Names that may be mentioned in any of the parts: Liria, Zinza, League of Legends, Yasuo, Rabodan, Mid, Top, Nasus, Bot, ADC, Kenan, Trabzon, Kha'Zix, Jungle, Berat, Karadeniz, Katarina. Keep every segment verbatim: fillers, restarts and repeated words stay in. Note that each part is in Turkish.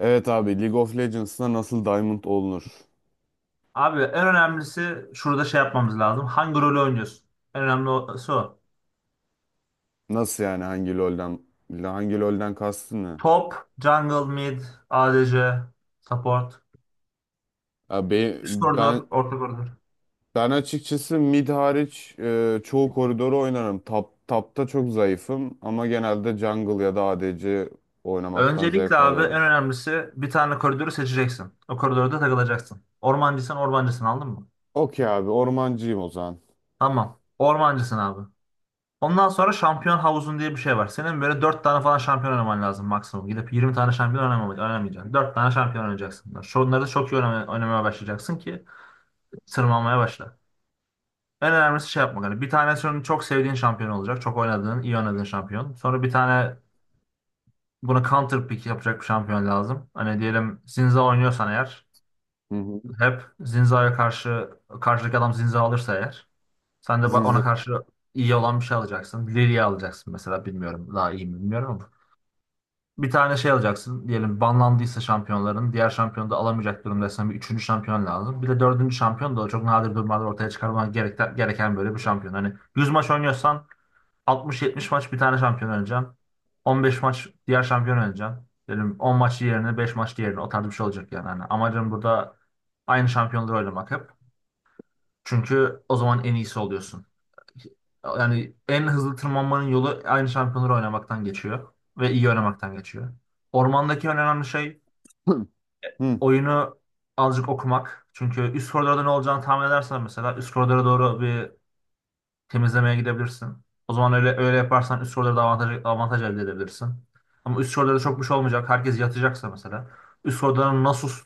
Evet abi League of Legends'da nasıl Diamond olunur? Abi en önemlisi şurada şey yapmamız lazım. Hangi rolü oynuyorsun? En önemli o. o. Nasıl yani hangi LoL'den hangi LoL'den kastın ne? Top, jungle, mid, A D C, support, Ya be- üst ben koridor, orta koridor. ben açıkçası mid hariç e, çoğu koridoru oynarım. Top top'ta çok zayıfım ama genelde jungle ya da A D C oynamaktan Öncelikle zevk abi en alıyorum. önemlisi bir tane koridoru seçeceksin. O koridorda takılacaksın. Ormancıysan ormancısın anladın mı? Okey abi ormancıyım o zaman. Tamam. Ormancısın abi. Ondan sonra şampiyon havuzun diye bir şey var. Senin böyle dört tane falan şampiyon oynaman lazım maksimum. Gidip yirmi tane şampiyon oynamam- oynamayacaksın. Dört tane şampiyon oynayacaksın. Şunları da çok iyi oynamaya, oynamaya başlayacaksın ki tırmanmaya başla. En önemlisi şey yapmak. Hani bir tane senin çok sevdiğin şampiyon olacak. Çok oynadığın, iyi oynadığın şampiyon. Sonra bir tane buna counter pick yapacak bir şampiyon lazım. Hani diyelim Zinza oynuyorsan eğer Hı hı. hep Zinza'ya karşı karşıdaki adam Zinza alırsa eğer sen de ba- ona Ziz- karşı iyi olan bir şey alacaksın. Liria alacaksın mesela, bilmiyorum, daha iyi mi bilmiyorum ama. Bir tane şey alacaksın. Diyelim banlandıysa şampiyonların, diğer şampiyonu da alamayacak durumdaysan bir üçüncü şampiyon lazım. Bir de dördüncü şampiyon da çok nadir durumlarda ortaya çıkarman gereken, gereken böyle bir şampiyon. Hani yüz maç oynuyorsan altmış yetmiş maç bir tane şampiyon olacaksın. on beş maç diğer şampiyon olacaksın. Dedim on maç yerine beş maç diğerine, o tarz bir şey olacak yani. Hani amacım burada aynı şampiyonları oynamak hep. Çünkü o zaman en iyisi oluyorsun. Yani en hızlı tırmanmanın yolu aynı şampiyonları oynamaktan geçiyor. Ve iyi oynamaktan geçiyor. Ormandaki en önemli şey Hı. oyunu azıcık okumak. Çünkü üst koridorda ne olacağını tahmin edersen, mesela üst koridora doğru bir temizlemeye gidebilirsin. O zaman öyle öyle yaparsan üst sorularda avantaj, avantaj elde edebilirsin. Ama üst sorularda çok bir şey olmayacak. Herkes yatacaksa mesela. Üst sorularda Nasus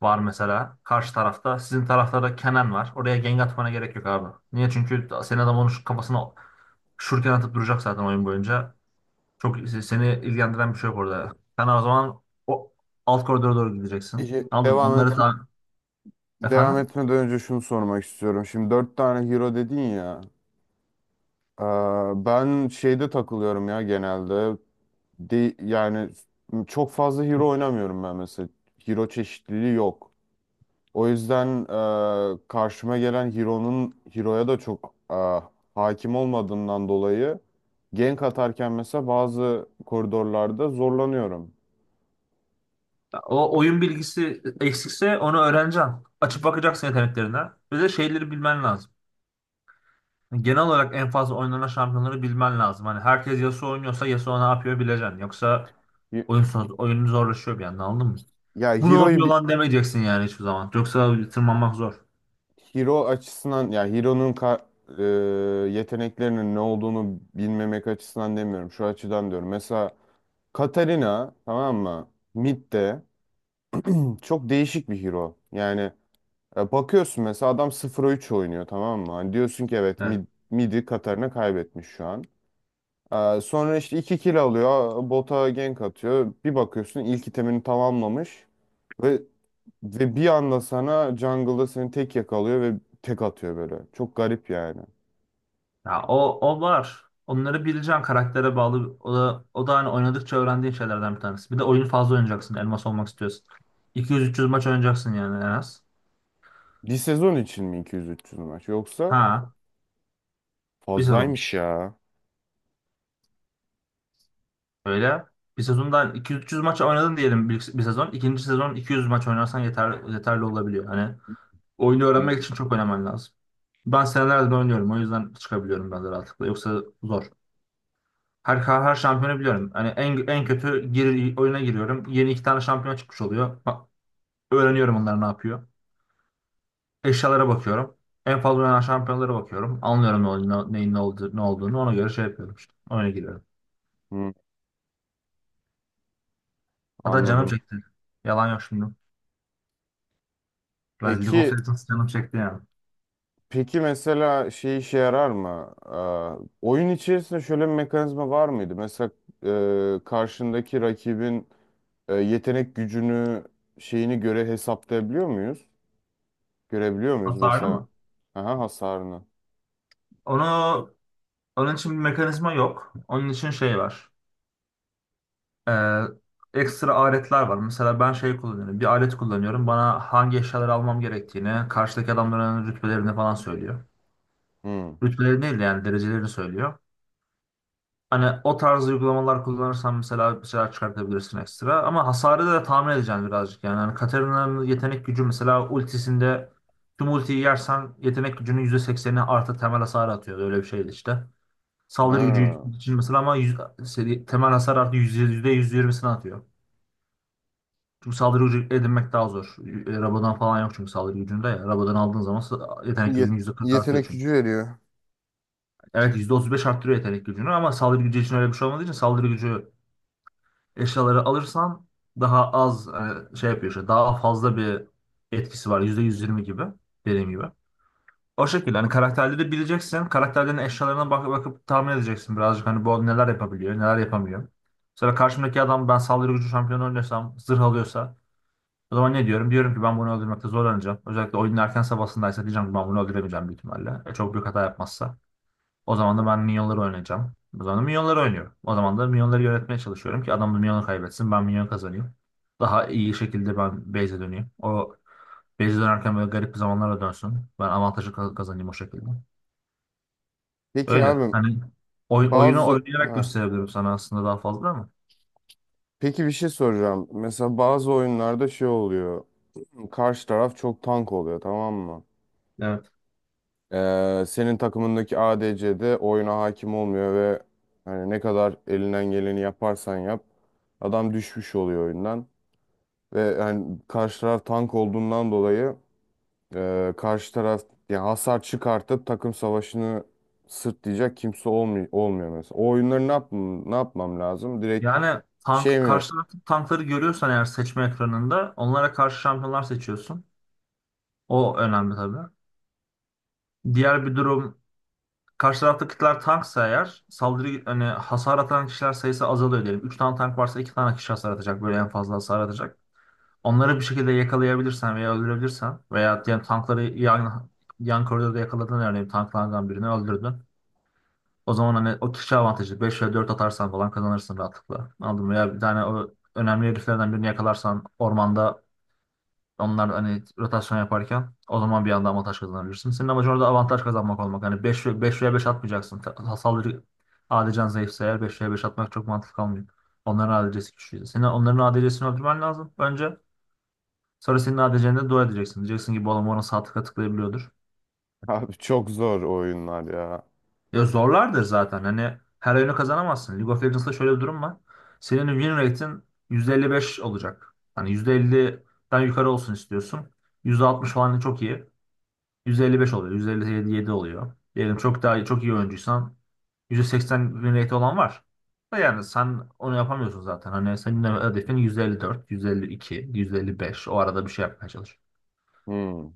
var mesela karşı tarafta. Sizin tarafta da Kenan var. Oraya gank atmana gerek yok abi. Niye? Çünkü senin adam onun şu- kafasına şurken atıp duracak zaten oyun boyunca. Çok seni ilgilendiren bir şey yok orada. Sen o zaman o alt koridora doğru gideceksin. Peki, Anladım. Devam et Onları da. devam Efendim. etmeden önce şunu sormak istiyorum. Şimdi dört tane hero dedin ya. Ee, Ben şeyde takılıyorum ya genelde. De, yani çok fazla hero oynamıyorum ben mesela. Hero çeşitliliği yok. O yüzden e, karşıma gelen hero'nun hero'ya da çok e, hakim olmadığından dolayı gank atarken mesela bazı koridorlarda zorlanıyorum. O oyun bilgisi eksikse onu öğreneceksin. Açıp bakacaksın yeteneklerine. Ve de şeyleri bilmen lazım. Yani genel olarak en fazla oynanan şampiyonları bilmen lazım. Hani herkes Yasuo oynuyorsa Yasuo ne yapıyor bileceksin. Yoksa Y- oyun, son- oyun zorlaşıyor bir yandan, anladın mı? Ya Bu ne hero'yu yapıyor bi- lan demeyeceksin yani hiçbir zaman. Yoksa tırmanmak zor. Hero açısından, ya Hero'nun ka- e, yeteneklerinin ne olduğunu bilmemek açısından demiyorum. Şu açıdan diyorum. Mesela Katarina, tamam mı? Mid'de çok değişik bir hero. Yani e, bakıyorsun mesela adam sıfır üç oynuyor, tamam mı? Hani diyorsun ki evet Evet. mid, mid'i Katarina kaybetmiş şu an. Ee, sonra işte iki kill alıyor. Bota gank atıyor. Bir bakıyorsun ilk itemini tamamlamış. Ve ve bir anda sana jungle'da seni tek yakalıyor ve tek atıyor böyle. Çok garip yani. Ya o, o var. Onları bileceksin, karaktere bağlı. O da, o da hani oynadıkça öğrendiğin şeylerden bir tanesi. Bir de oyun fazla oynayacaksın elmas olmak istiyorsan. iki yüz üç yüz maç oynayacaksın yani en az. Bir sezon için mi iki yüz üç yüz maç, yoksa Ha, bir sezon. fazlaymış ya. Öyle. Bir sezondan iki yüz üç yüz maç oynadın diyelim, bir, bir sezon. İkinci sezon iki yüz maç oynarsan yeter, yeterli olabiliyor. Hani oyunu öğrenmek Hmm. için çok oynaman lazım. Ben senelerdir oynuyorum. O yüzden çıkabiliyorum ben de rahatlıkla. Yoksa zor. Her, her şampiyonu biliyorum. Hani en, en kötü gir, oyuna giriyorum. Yeni iki tane şampiyon çıkmış oluyor. Bak, öğreniyorum onlar ne yapıyor. Eşyalara bakıyorum. En fazla oynanan şampiyonlara bakıyorum. Anlıyorum ne, ol- ne- neyin ne, oldu, ne olduğunu. Ona göre şey yapıyorum işte. Oyuna giriyorum. Hı, Hatta canım anladım. çekti. Yalan yok şimdi. Biraz League of Peki Legends canım çekti yani. peki mesela şey işe yarar mı? Ee, oyun içerisinde şöyle bir mekanizma var mıydı? Mesela e, karşındaki rakibin e, yetenek gücünü, şeyini göre hesaplayabiliyor muyuz? Görebiliyor muyuz Hasarlı mesela? mı? Aha, hasarını. Onu, onun için bir mekanizma yok. Onun için şey var. Ee, ekstra aletler var. Mesela ben şey kullanıyorum. Bir alet kullanıyorum. Bana hangi eşyaları almam gerektiğini, karşıdaki adamların rütbelerini falan söylüyor. Hmm. Rütbelerini değil de yani derecelerini söylüyor. Hani o tarz uygulamalar kullanırsan mesela bir şeyler çıkartabilirsin ekstra. Ama hasarı da tahmin edeceksin birazcık yani. Hani Katarina'nın yetenek gücü mesela ultisinde tüm ultiyi yersen yetenek gücünün yüzde seksenini artı temel hasar atıyor. Öyle bir şeydi işte. Saldırı gücü Ha. için mesela, ama yüz- seri- temel hasar artı yüz- yüzde yüz yirmisini atıyor. Çünkü saldırı gücü edinmek daha zor. E, Rabodan falan yok çünkü saldırı gücünde ya. Rabodan aldığın zaman sa- yetenek Yet- gücünün yüzde kırk artıyor Yetenek çünkü. gücü veriyor. Evet, yüzde otuz beş arttırıyor yetenek gücünü, ama saldırı gücü için öyle bir şey olmadığı için saldırı gücü eşyaları alırsan daha az hani şey yapıyor işte, daha fazla bir etkisi var. Yüzde yüz yirmi gibi dediğim gibi. O şekilde hani karakterleri bileceksin. Karakterlerin eşyalarına bak bakıp tahmin edeceksin birazcık, hani bu neler yapabiliyor, neler yapamıyor. Mesela karşımdaki adam, ben saldırı gücü şampiyonu oynuyorsam zırh alıyorsa, o zaman ne diyorum? Diyorum ki ben bunu öldürmekte zorlanacağım. Özellikle oyunun erken safhasındaysa diyeceğim ki ben bunu öldüremeyeceğim büyük ihtimalle. E, çok büyük hata yapmazsa. O zaman da ben minyonları oynayacağım. O zaman da minyonları oynuyorum. O zaman da minyonları yönetmeye çalışıyorum ki adam da minyonu kaybetsin. Ben minyon kazanayım. Daha iyi şekilde ben base'e döneyim. O base'e dönerken böyle garip zamanlara dönsün. Ben avantajı ka- kazanayım o şekilde. Peki Öyle. abim. Hani oy oyunu Bazı oynayarak ha. gösterebilirim sana aslında daha fazla ama. Peki bir şey soracağım. Mesela bazı oyunlarda şey oluyor. Karşı taraf çok tank oluyor, tamam mı? Evet. Ee, senin takımındaki A D C de oyuna hakim olmuyor ve hani ne kadar elinden geleni yaparsan yap, adam düşmüş oluyor oyundan. Ve yani karşı taraf tank olduğundan dolayı e, karşı taraf yani hasar çıkartıp takım savaşını sırtlayacak kimse olmuyor, olmuyor mesela. O oyunları ne yapmam, ne yapmam lazım? Direkt Yani şey tank, mi? karşı tarafın tankları görüyorsan eğer, seçme ekranında onlara karşı şampiyonlar seçiyorsun. O önemli tabii. Diğer bir durum, karşı taraftakiler tanksa eğer, saldırı hani hasar atan kişiler sayısı azalıyor diyelim. Üç tane tank varsa iki tane kişi hasar atacak. Böyle en fazla hasar atacak. Onları bir şekilde yakalayabilirsen veya öldürebilirsen veya diyelim tankları yan, yan koridorda yakaladın yani, tanklardan birini öldürdün. O zaman hani o kişi avantajı, beş veya dört atarsan falan, kazanırsın rahatlıkla. Anladın mı? Veya bir tane o önemli heriflerden birini yakalarsan ormanda, onlar hani rotasyon yaparken, o zaman bir anda avantaj kazanabilirsin. Senin amacın orada avantaj kazanmak olmak. Hani beş beş veya beş atmayacaksın. Ta- Saldırı A D C'n zayıfsa eğer, beş veya beş atmak çok mantıklı olmuyor. Onların A D C'si güçlüydü. Senin onların A D C'sini öldürmen lazım önce. Sonra senin A D C'ne dua edeceksin. Diyeceksin ki bu adam ona sağ tıka tıklayabiliyordur. Abi, çok zor oyunlar ya. Ya zorlardır zaten. Hani her oyunu kazanamazsın. League of Legends'da şöyle bir durum var. Senin win rate'in yüzde elli beş olacak. Hani yüzde elliden yukarı olsun istiyorsun. yüzde altmış falan çok iyi. yüz elli beş oluyor. yüz elli yedi oluyor. Diyelim çok daha çok iyi oyuncuysan yüz seksen win rate olan var da, yani sen onu yapamıyorsun zaten. Hani senin hedefin yüz elli dört, yüz elli iki, yüz elli beş. O arada bir şey yapmaya çalış. Hmm.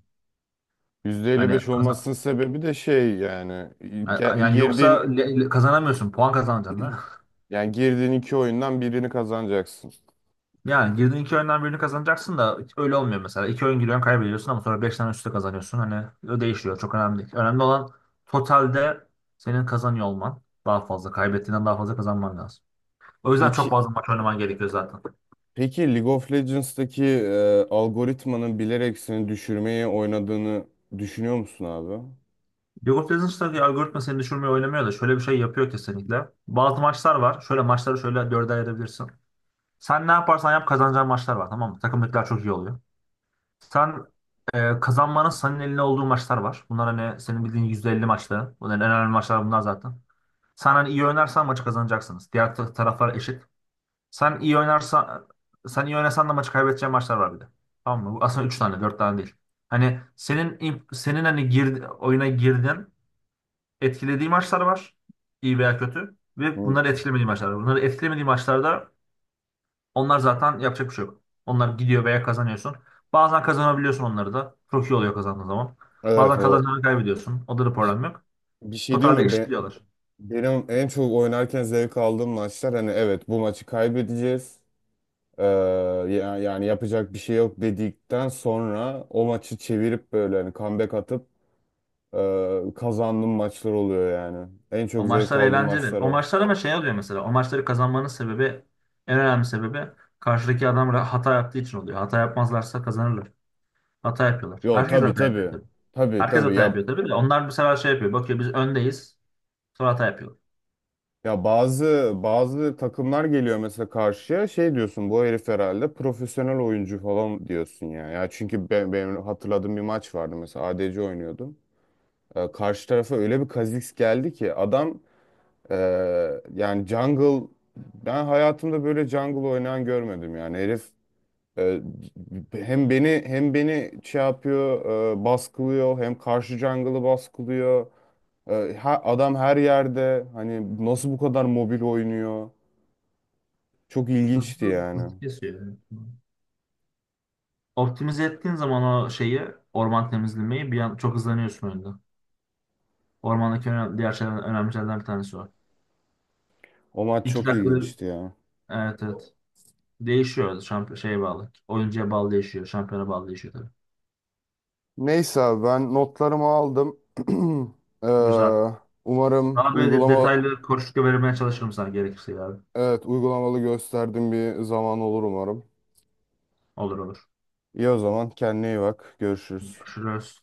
Hani yüzde elli beş kazan olmasının sebebi de şey, yani ge- yani, yoksa girdiğin le- le- kazanamıyorsun. Puan kazanacaksın da. yani girdiğin iki oyundan birini kazanacaksın. Yani girdiğin iki oyundan birini kazanacaksın da öyle olmuyor mesela. İki oyun giriyorsun, kaybediyorsun, ama sonra beş tane üstü kazanıyorsun. Hani o değişiyor. Çok önemli değil. Önemli olan totalde senin kazanıyor olman. Daha fazla. Kaybettiğinden daha fazla kazanman lazım. O yüzden çok Peki fazla maç oynaman gerekiyor zaten. Peki League of Legends'taki e, algoritmanın bilerek seni düşürmeye oynadığını düşünüyor musun abi? League of algoritma seni düşürmeye oynamıyor da şöyle bir şey yapıyor kesinlikle. Bazı maçlar var. Şöyle maçları şöyle dörde ayırabilirsin. Sen ne yaparsan yap kazanacağın maçlar var, tamam mı? Takımdakiler çok iyi oluyor. Sen e, kazanmanın senin elinde olduğu maçlar var. Bunlar hani senin bildiğin yüzde elli maçları. Bunların en önemli maçlar bunlar zaten. Sen hani iyi oynarsan maçı kazanacaksınız. Diğer ta- taraflar eşit. Sen iyi oynarsan Sen iyi oynasan da maçı kaybedeceğin maçlar var bir de. Tamam mı? Bu aslında üç tane, dört tane değil. Hani senin imp- senin hani gir, oyuna girdin, etkilediği maçlar var. İyi veya kötü ve Hmm. bunları etkilemediği maçlar var. Bunları etkilemediği maçlarda onlar zaten yapacak bir şey yok. Onlar gidiyor veya kazanıyorsun. Bazen kazanabiliyorsun onları da. Çok iyi oluyor kazandığın zaman. Evet, Bazen o kazanacağını kaybediyorsun. O da bir bir, problem yok. bir şey değil Totalde mi? Be- eşitliyorlar. Benim en çok oynarken zevk aldığım maçlar, hani evet bu maçı kaybedeceğiz. Ee, ya- Yani yapacak bir şey yok dedikten sonra o maçı çevirip böyle hani comeback atıp e, kazandığım maçlar oluyor yani. En O çok zevk maçlar aldığım eğlenceli. maçlar O o. maçlar ama şey oluyor mesela. O maçları kazanmanın sebebi, en önemli sebebi, karşıdaki adam ra- hata yaptığı için oluyor. Hata yapmazlarsa kazanırlar. Hata yapıyorlar. Yo Herkes tabii hata yapıyor tabii. tabii. Tabii Herkes tabii hata ya. yapıyor tabii de. Onlar bu sefer şey yapıyor. Bakıyor biz öndeyiz. Sonra hata yapıyorlar. Ya bazı bazı takımlar geliyor mesela karşıya, şey diyorsun, bu herif herhalde profesyonel oyuncu falan diyorsun ya. Ya çünkü ben, benim hatırladığım bir maç vardı mesela, A D C oynuyordum. Ee, karşı tarafa öyle bir Kha'Zix geldi ki adam e, yani jungle, ben hayatımda böyle jungle oynayan görmedim yani. Herif e, hem beni hem beni şey yapıyor, e, baskılıyor, hem karşı jungle'ı baskılıyor. E, ha- adam her yerde, hani nasıl bu kadar mobil oynuyor? Çok ilginçti Hızlı, yani. hızlı kesiyor yani. Optimize ettiğin zaman o şeyi, orman temizlemeyi, bir an çok hızlanıyorsun önünde. Ormandaki önemli, diğer şeyler, önemli şeylerden bir tanesi o. O maç İki çok dakikada ilginçti ya. Evet, evet. Değişiyor. Şampiyon şeye bağlı. Oyuncuya bağlı değişiyor. Şampiyona bağlı değişiyor tabii. Neyse abi, ben notlarımı aldım. Ee, Güzel. umarım Daha böyle de uygulama detaylı koşulda vermeye çalışırım sana gerekirse yani. evet, uygulamalı gösterdiğim bir zaman olur umarım. Olur, olur. İyi, o zaman kendine iyi bak. Görüşürüz. Görüşürüz.